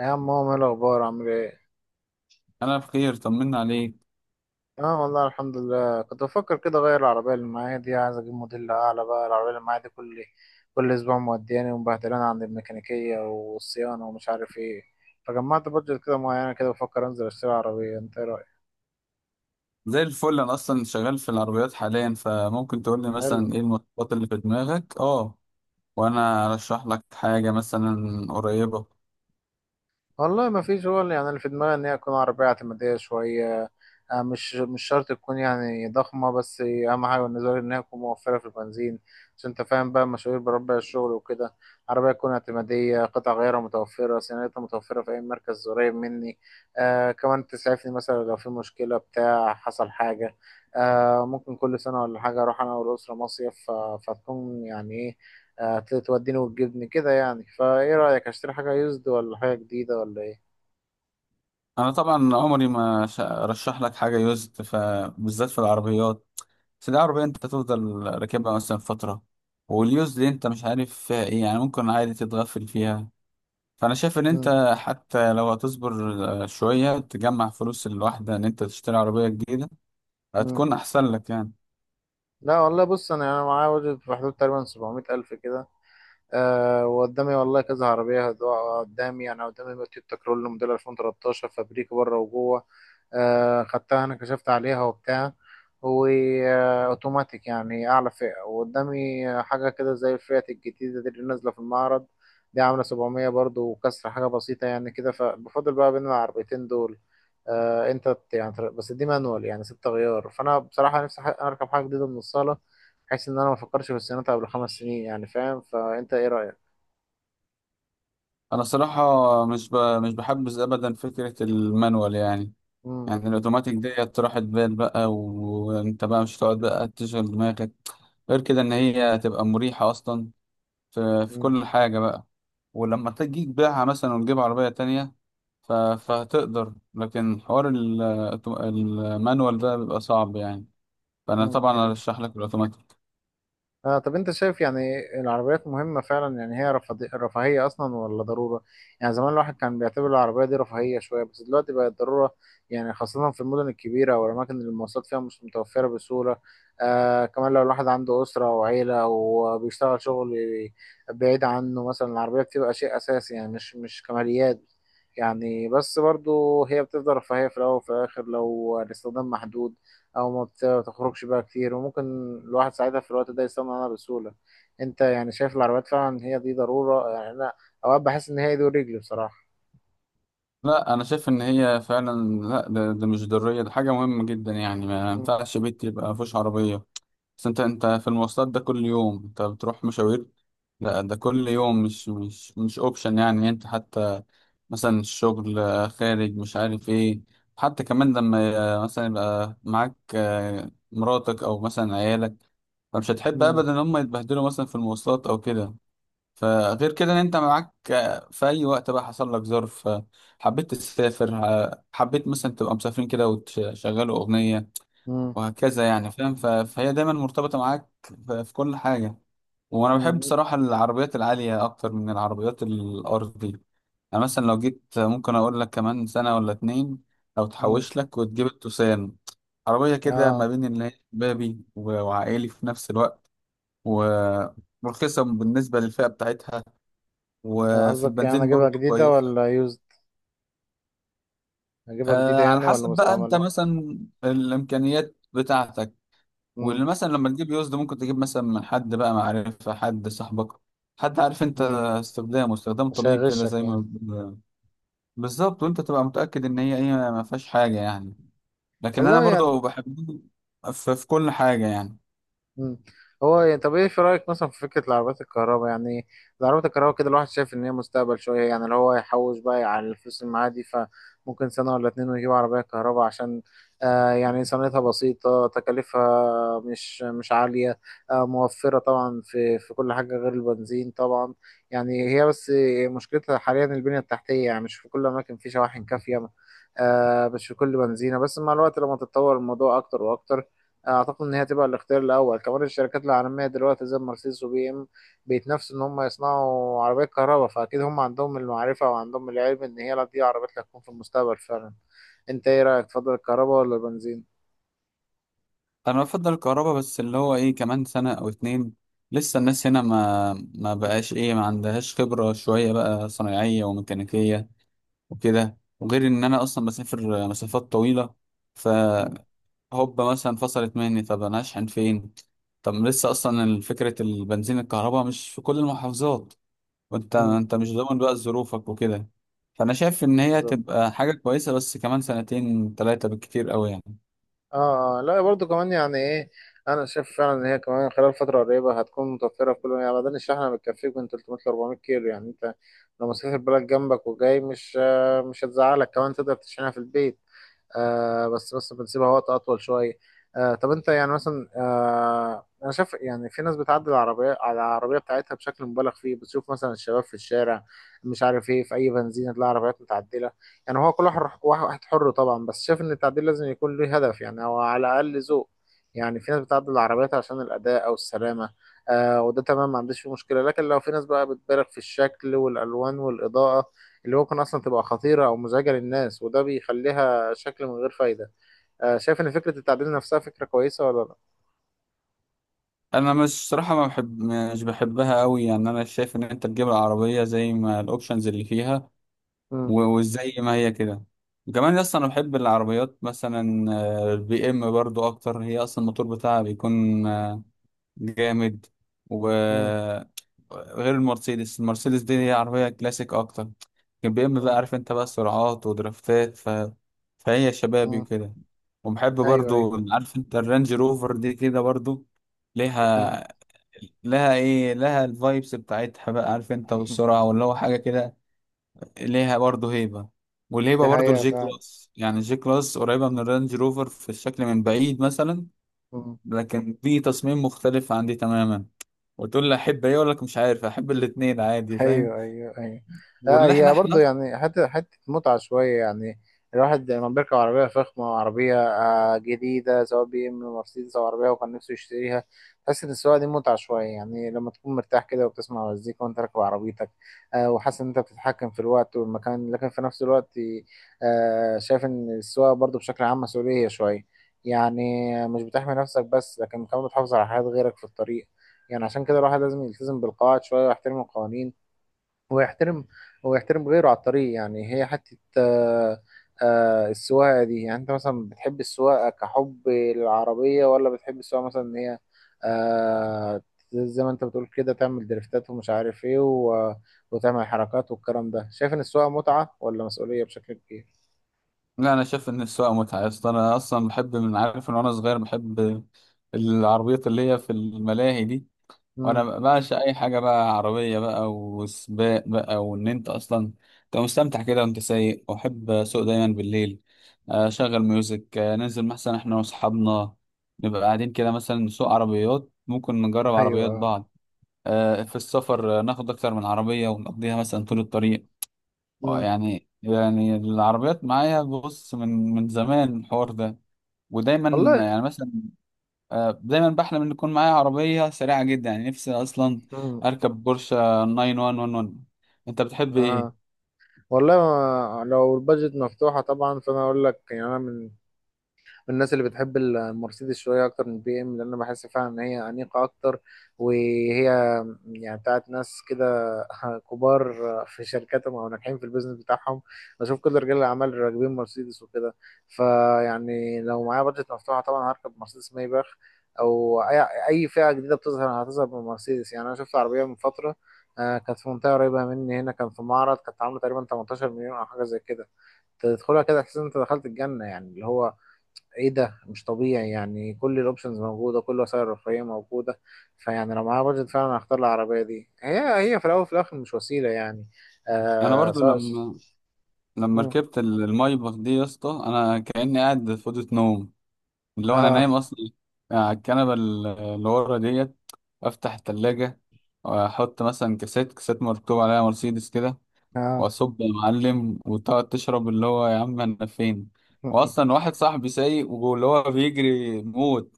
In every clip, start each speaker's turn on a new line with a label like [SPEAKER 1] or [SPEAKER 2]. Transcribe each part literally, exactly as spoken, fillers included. [SPEAKER 1] يا عم، هو ايه الاخبار؟ عامل ايه؟
[SPEAKER 2] انا بخير طمنا عليك.
[SPEAKER 1] اه والله الحمد لله. كنت بفكر كده اغير العربيه اللي معايا دي، عايز اجيب موديل اعلى بقى. العربيه اللي معايا دي كل كل اسبوع مودياني ومبهدلاني عند الميكانيكيه والصيانه ومش عارف ايه. فجمعت بادجت كده معينه، كده بفكر انزل اشتري عربيه. انت ايه رايك؟
[SPEAKER 2] زي الفل، انا اصلا شغال في العربيات حاليا، فممكن تقول لي
[SPEAKER 1] حلو.
[SPEAKER 2] مثلا ايه المواصفات اللي في دماغك. اه، وانا ارشح لك حاجه مثلا قريبه.
[SPEAKER 1] والله ما فيش، هو اللي- يعني اللي في دماغي ان هي تكون عربية اعتمادية شوية. آه، مش مش شرط تكون يعني ضخمة، بس أهم حاجة بالنسبة لي إن هي تكون موفرة في البنزين. عشان أنت فاهم بقى، مشاوير بربع الشغل وكده. عربية تكون اعتمادية، قطع غيارها متوفرة، صيانتها متوفرة في أي مركز قريب مني. آه، كمان تسعفني مثلا لو في مشكلة، بتاع حصل حاجة. آه، ممكن كل سنة ولا حاجة أروح أنا والأسرة مصيف، ف- فتكون يعني إيه، هتوديني وتجيبني كده. يعني فايه رأيك، اشتري حاجة يوزد ولا حاجة جديدة ولا ايه؟
[SPEAKER 2] انا طبعا عمري ما ش- ارشح لك حاجه يوزد، فبالذات في العربيات. بس دي عربيه انت تفضل راكبها مثلا فتره، واليوزد دي انت مش عارف فيها ايه، يعني ممكن عادي تتغفل فيها. فانا شايف ان
[SPEAKER 1] مم.
[SPEAKER 2] انت حتى لو هتصبر آه، شويه تجمع فلوس الواحده ان انت تشتري عربيه جديده،
[SPEAKER 1] مم.
[SPEAKER 2] هتكون احسن لك يعني.
[SPEAKER 1] لا والله، بص، انا انا معايا بادجت في حدود تقريبا سبعمية الف كده. أه، وقدامي والله كذا عربية هتقع قدامي. يعني قدامي تويوتا كرول موديل الفين وتلتاشر، فابريك بره وجوه. آه، خدتها انا، كشفت عليها وبتاع، واوتوماتيك، يعني اعلى فئة. وقدامي حاجة كده زي الفئات الجديدة دي اللي نازلة في المعرض، دي عاملة سبعمية برضو وكسر، حاجة بسيطة يعني كده. فبفضل بقى بين العربيتين دول. آه انت ت- يعني تر- بس دي مانوال، يعني ست غيار، فانا بصراحة نفسي ح- اركب حاجة جديدة من الصالة، بحيث ان انا ما افكرش في الصيانات قبل خمس سنين، يعني فاهم. فانت ايه رأيك؟
[SPEAKER 2] انا صراحة مش ب... مش بحبذ ابدا فكرة المانوال يعني.
[SPEAKER 1] امم
[SPEAKER 2] يعني الاوتوماتيك ديت راحت بال بقى، وانت بقى مش هتقعد بقى تشغل دماغك، غير كده ان هي تبقى مريحة اصلا في... في كل حاجة بقى. ولما تجي تبيعها مثلا وتجيب عربية تانية ف... فهتقدر، لكن حوار ال... الأوتو- المانوال ده بيبقى صعب يعني. فانا طبعا
[SPEAKER 1] امم
[SPEAKER 2] ارشح لك الاوتوماتيك.
[SPEAKER 1] آه، طب انت شايف يعني العربيات مهمة فعلا؟ يعني هي رفاهي- رفاهية اصلا ولا ضرورة؟ يعني زمان الواحد كان بيعتبر العربية دي رفاهية شوية، بس دلوقتي بقت ضرورة. يعني خاصة في المدن الكبيرة او الاماكن اللي المواصلات فيها مش متوفرة بسهولة. آه، كمان لو الواحد عنده اسرة وعيلة وبيشتغل شغل بعيد عنه مثلا، العربية بتبقى شيء اساسي، يعني مش مش كماليات. يعني بس برضو هي بتفضل رفاهية في الاول وفي الاخر لو الاستخدام محدود او ما بتخرجش بقى كتير، وممكن الواحد ساعتها في الوقت ده يستغنى عنها بسهوله. انت يعني شايف العربيات فعلا هي دي ضروره؟ يعني انا اوقات بحس ان هي ايدي ورجلي بصراحه.
[SPEAKER 2] لا انا شايف ان هي فعلا، لا ده, ده مش ضرورية، ده حاجة مهمة جدا يعني. ما
[SPEAKER 1] مم.
[SPEAKER 2] ينفعش بيت يبقى مفيهوش عربية. بس انت انت في المواصلات ده كل يوم انت بتروح مشاوير، لا ده كل يوم مش مش مش اوبشن يعني. انت حتى مثلا الشغل آه، خارج مش عارف ايه، حتى كمان لما آه، مثلا يبقى معاك آه، مراتك او مثلا عيالك، فمش هتحب
[SPEAKER 1] مم.
[SPEAKER 2] ابدا ان هم يتبهدلوا مثلا في المواصلات او كده. فغير كده ان انت معاك آه، في اي وقت بقى حصل لك ظرف، آه، حبيت تسافر، آه، حبيت مثلا تبقى مسافرين كده وتشغلوا اغنية،
[SPEAKER 1] مم.
[SPEAKER 2] وهكذا يعني فاهم. ف- فهي دايما مرتبطة معاك ف- في كل حاجة. وانا بحب
[SPEAKER 1] مم.
[SPEAKER 2] بصراحة العربيات العالية اكتر من العربيات الارضي. انا مثلا لو جيت ممكن اقول لك كمان سنة ولا اتنين، لو
[SPEAKER 1] مم.
[SPEAKER 2] تحوش لك وتجيب التوسان، عربية كده ما
[SPEAKER 1] اه.
[SPEAKER 2] بين اللي هي شبابي و- وعائلي في نفس الوقت، ورخيصة بالنسبة للفئة بتاعتها، وفي
[SPEAKER 1] قصدك يعني
[SPEAKER 2] البنزين
[SPEAKER 1] اجيبها
[SPEAKER 2] برضه
[SPEAKER 1] جديده
[SPEAKER 2] كويس.
[SPEAKER 1] ولا يوزد؟ اجيبها
[SPEAKER 2] آه،
[SPEAKER 1] جديده
[SPEAKER 2] على
[SPEAKER 1] يعني ولا
[SPEAKER 2] حسب بقى انت
[SPEAKER 1] مستعمله؟
[SPEAKER 2] مثلا الامكانيات بتاعتك.
[SPEAKER 1] مم.
[SPEAKER 2] واللي مثلا لما تجيب يوزد ممكن تجيب مثلا من حد بقى معرفة، حد صاحبك، حد عارف انت
[SPEAKER 1] مم.
[SPEAKER 2] استخدامه، استخدام
[SPEAKER 1] مش
[SPEAKER 2] طبيب كده
[SPEAKER 1] هيغشك
[SPEAKER 2] زي ما
[SPEAKER 1] يعني.
[SPEAKER 2] بيقولوا. بالظبط، وانت تبقى متأكد ان هي ايه ما فيهاش حاجة يعني. لكن انا
[SPEAKER 1] والله يعني.
[SPEAKER 2] برضو بحب في, في كل حاجة يعني.
[SPEAKER 1] مم. هو يعني، طب ايه في رايك مثلا في فكره العربيات الكهرباء؟ يعني العربيات الكهرباء كده الواحد شايف ان هي مستقبل شويه. يعني اللي هو يحوش بقى على الفلوس اللي معاه دي، فممكن سنه ولا اتنين ويجيب عربيه كهرباء، عشان آه يعني صيانتها بسيطه، تكاليفها مش مش عاليه. آه، موفره طبعا في في كل حاجه غير البنزين طبعا. يعني هي بس مشكلتها حاليا البنيه التحتيه، يعني مش في كل الاماكن في شواحن كافيه. آه، مش في كل بنزينه. بس مع الوقت، لما تتطور الموضوع اكتر واكتر، اعتقد ان هي هتبقى الاختيار الاول. كمان الشركات العالميه دلوقتي زي مرسيدس وبي ام بيتنافسوا ان هم يصنعوا عربيات كهرباء، فاكيد هم عندهم المعرفه وعندهم العلم ان هي، لا، دي عربيات اللي هتكون في المستقبل فعلا. انت ايه رايك، تفضل الكهرباء ولا البنزين؟
[SPEAKER 2] انا بفضل الكهرباء، بس اللي هو ايه كمان سنة او اتنين. لسه الناس هنا ما ما بقاش ايه ما عندهاش خبرة شوية بقى، صنايعية وميكانيكية وكده. وغير ان انا اصلا بسافر مسافات طويلة،
[SPEAKER 1] مم.
[SPEAKER 2] هوب مثلا فصلت مني، طب انا اشحن فين؟ طب لسه اصلا فكره البنزين الكهرباء مش في كل المحافظات، وانت
[SPEAKER 1] مم.
[SPEAKER 2] انت مش ضامن بقى ظروفك وكده. فانا شايف ان هي
[SPEAKER 1] بالظبط.
[SPEAKER 2] تبقى حاجه كويسه، بس كمان سنتين ثلاثه بالكتير قوي يعني.
[SPEAKER 1] اه آه، لا برضو كمان يعني ايه، انا شايف فعلا ان هي كمان خلال فتره قريبه هتكون متوفره في كل، يعني بدل الشحنه بتكفيك من ثلاثمائة ل أربعمائة كيلو. يعني انت لو مسافر بلد جنبك وجاي، مش آه، مش هتزعلك. كمان تقدر تشحنها في البيت، آه، بس بس بنسيبها وقت اطول شويه. آه، طب انت يعني مثلا، آه، انا شايف يعني في ناس بتعدل العربيه على العربيه بتاعتها بشكل مبالغ فيه. بتشوف مثلا الشباب في الشارع، مش عارف ايه، في اي بنزينه تلاقي عربيات متعدله. يعني هو كل واحد واحد واحد حر طبعا، بس شايف ان التعديل لازم يكون له هدف يعني، او على الاقل ذوق. يعني في ناس بتعدل العربيات عشان الاداء او السلامه، آه، وده تمام، ما عنديش فيه مشكله. لكن لو في ناس بقى بتبالغ في الشكل والالوان والاضاءه اللي ممكن اصلا تبقى خطيره او مزعجه للناس، وده بيخليها شكل من غير فايدة. آه، شايف إن فكرة التعديل نفسها فكرة كويسة ولا لأ؟
[SPEAKER 2] انا مش صراحه ما بحب، مش بحبها قوي يعني. انا شايف ان انت تجيب العربيه زي ما الاوبشنز اللي فيها
[SPEAKER 1] مم.
[SPEAKER 2] و- وزي ما هي كده. وكمان اصلا انا بحب العربيات مثلا البي ام برضو اكتر، هي اصلا الموتور بتاعها بيكون جامد.
[SPEAKER 1] مم.
[SPEAKER 2] وغير المرسيدس المرسيدس دي هي عربية كلاسيك أكتر، لكن بي إم بقى
[SPEAKER 1] مم.
[SPEAKER 2] عارف أنت بقى سرعات ودرافتات. ف... فهي شبابي
[SPEAKER 1] مم.
[SPEAKER 2] وكده. وبحب
[SPEAKER 1] أيوه، أيوه.
[SPEAKER 2] برضو عارف أنت الرانج روفر دي كده برضو
[SPEAKER 1] كمل.
[SPEAKER 2] ليها لها إيه لها الفايبس بتاعتها بقى، عارف أنت، والسرعة واللي هو حاجة كده. ليها برضو هيبة.
[SPEAKER 1] دي
[SPEAKER 2] والهيبة برضو
[SPEAKER 1] حقيقة
[SPEAKER 2] الجي
[SPEAKER 1] فعلا.
[SPEAKER 2] كلاس، يعني الجي كلاس قريبة من الرانج روفر في الشكل من بعيد مثلا، لكن دي تصميم مختلف عن دي تماما. وتقول لي احب ايه؟ اقول لك مش عارف، احب الاتنين عادي فاهم.
[SPEAKER 1] ايوه، ايوه، ايوه. آه،
[SPEAKER 2] وان احنا
[SPEAKER 1] هي برضه
[SPEAKER 2] احنا
[SPEAKER 1] يعني حته حته متعه شويه يعني. الواحد لما بيركب عربيه فخمه، عربيه آه جديده، سواء بي ام، مرسيدس او عربيه وكان نفسه يشتريها، تحس ان السواقه دي متعه شويه يعني. لما تكون مرتاح كده وبتسمع مزيكا وانت راكب عربيتك، آه، وحاسس ان انت بتتحكم في الوقت والمكان. لكن في نفس الوقت، آه، شايف ان السواقه برضه بشكل عام مسؤوليه شويه يعني. مش بتحمي نفسك بس، لكن كمان بتحافظ على حياه غيرك في الطريق. يعني عشان كده الواحد لازم يلتزم بالقواعد شويه ويحترم القوانين. هو يحترم هو يحترم غيره على الطريق. يعني هي حتة آه، آه، السواقة دي، يعني انت مثلا بتحب السواقة كحب للعربية، ولا بتحب السواقة مثلا ان هي آه، زي ما انت بتقول كده، تعمل دريفتات ومش عارف ايه و- وتعمل حركات والكلام ده؟ شايف ان السواقة متعة ولا مسؤولية بشكل كبير؟
[SPEAKER 2] لا انا شايف ان السواقه متعه يا اسطى. انا اصلا بحب من عارف ان وانا صغير، بحب العربيات اللي هي في الملاهي دي.
[SPEAKER 1] امم
[SPEAKER 2] وانا بعشق اي حاجه بقى عربيه بقى وسباق بقى، وان انت اصلا انت مستمتع كده وانت سايق. واحب اسوق دايما بالليل، اشغل ميوزك. آه، ننزل مثلا احنا واصحابنا نبقى قاعدين كده مثلا نسوق عربيات، ممكن نجرب عربيات
[SPEAKER 1] ايوه.
[SPEAKER 2] بعض. آه، في السفر آه، ناخد أكتر من عربية ونقضيها مثلا طول الطريق.
[SPEAKER 1] امم
[SPEAKER 2] يعني يعني العربيات معايا بص من من زمان الحوار ده. ودايما
[SPEAKER 1] والله.
[SPEAKER 2] يعني مثلا، آه، دايما بحلم إن يكون معايا عربية سريعة جدا، يعني نفسي أصلا
[SPEAKER 1] امم
[SPEAKER 2] أركب بورشة تسعمية وحداشر. أنت بتحب إيه؟
[SPEAKER 1] آه. والله ما- لو البادجت مفتوحة طبعا، فأنا أقول لك يعني. أنا من من الناس اللي بتحب المرسيدس شويه اكتر من البي ام، لان انا بحس فعلا ان هي انيقه اكتر، وهي يعني بتاعت ناس كده كبار في شركاتهم او ناجحين في البيزنس بتاعهم. بشوف كل رجال الاعمال اللي راكبين مرسيدس وكده. فيعني لو معايا بادجت مفتوحه طبعا هركب مرسيدس مايباخ، او اي اي فئه جديده بتظهر هتظهر بالمرسيدس. يعني انا شفت عربيه من فتره، آه، كانت في منطقه قريبه مني هنا، كان في معرض، كانت عامله تقريبا ثمانية عشر مليون او حاجه زي كده. تدخلها كده تحس ان انت دخلت الجنه، يعني اللي هو ايه ده، مش طبيعي يعني. كل الاوبشنز موجوده، كل وسائل الرفاهيه موجوده. فيعني لو معايا بادجت فعلا هختار العربيه دي، هي هي في الاول وفي الاخر مش وسيله يعني.
[SPEAKER 2] أنا
[SPEAKER 1] آه،
[SPEAKER 2] برضو
[SPEAKER 1] سواء.
[SPEAKER 2] لما لما
[SPEAKER 1] مم.
[SPEAKER 2] ركبت ال- المايباخ دي يا اسطى، أنا كأني قاعد في أوضة نوم، اللي هو انا
[SPEAKER 1] اه.
[SPEAKER 2] نايم اصلا على الكنبه ال- اللي ورا ديت. افتح التلاجة، واحط مثلا كاسات كاسات مكتوب عليها مرسيدس كده، واصب يا معلم، وتقعد تشرب. اللي هو يا عم انا فين؟ واصلا واحد صاحبي سايق واللي هو بيجري موت،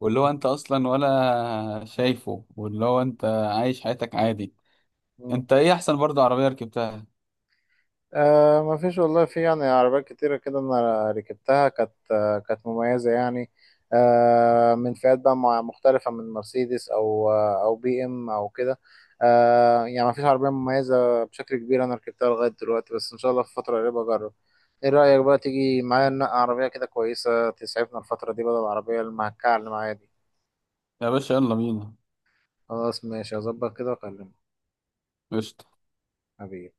[SPEAKER 2] واللي هو انت اصلا ولا شايفه، واللي هو انت عايش حياتك عادي.
[SPEAKER 1] اه.
[SPEAKER 2] انت ايه احسن برضه عربيه ركبتها؟
[SPEAKER 1] آه، ما فيش والله. في يعني عربيات كتيرة كده أنا ركبتها، كانت آه كانت مميزة يعني، آه، من فئات بقى مع- مختلفة، من مرسيدس أو آه أو بي إم أو كده. آه، يعني ما فيش عربية مميزة بشكل كبير أنا ركبتها لغاية دلوقتي، بس إن شاء الله في فترة قريبة أجرب. إيه رأيك بقى تيجي معايا ننقي عربية كده كويسة تسعفنا الفترة دي، بدل العربية المهكعة اللي معايا دي؟
[SPEAKER 2] يا باشا يلا بينا.
[SPEAKER 1] خلاص، ماشي، هظبط كده وأكلمك.
[SPEAKER 2] قشطة.
[SPEAKER 1] حبيبي.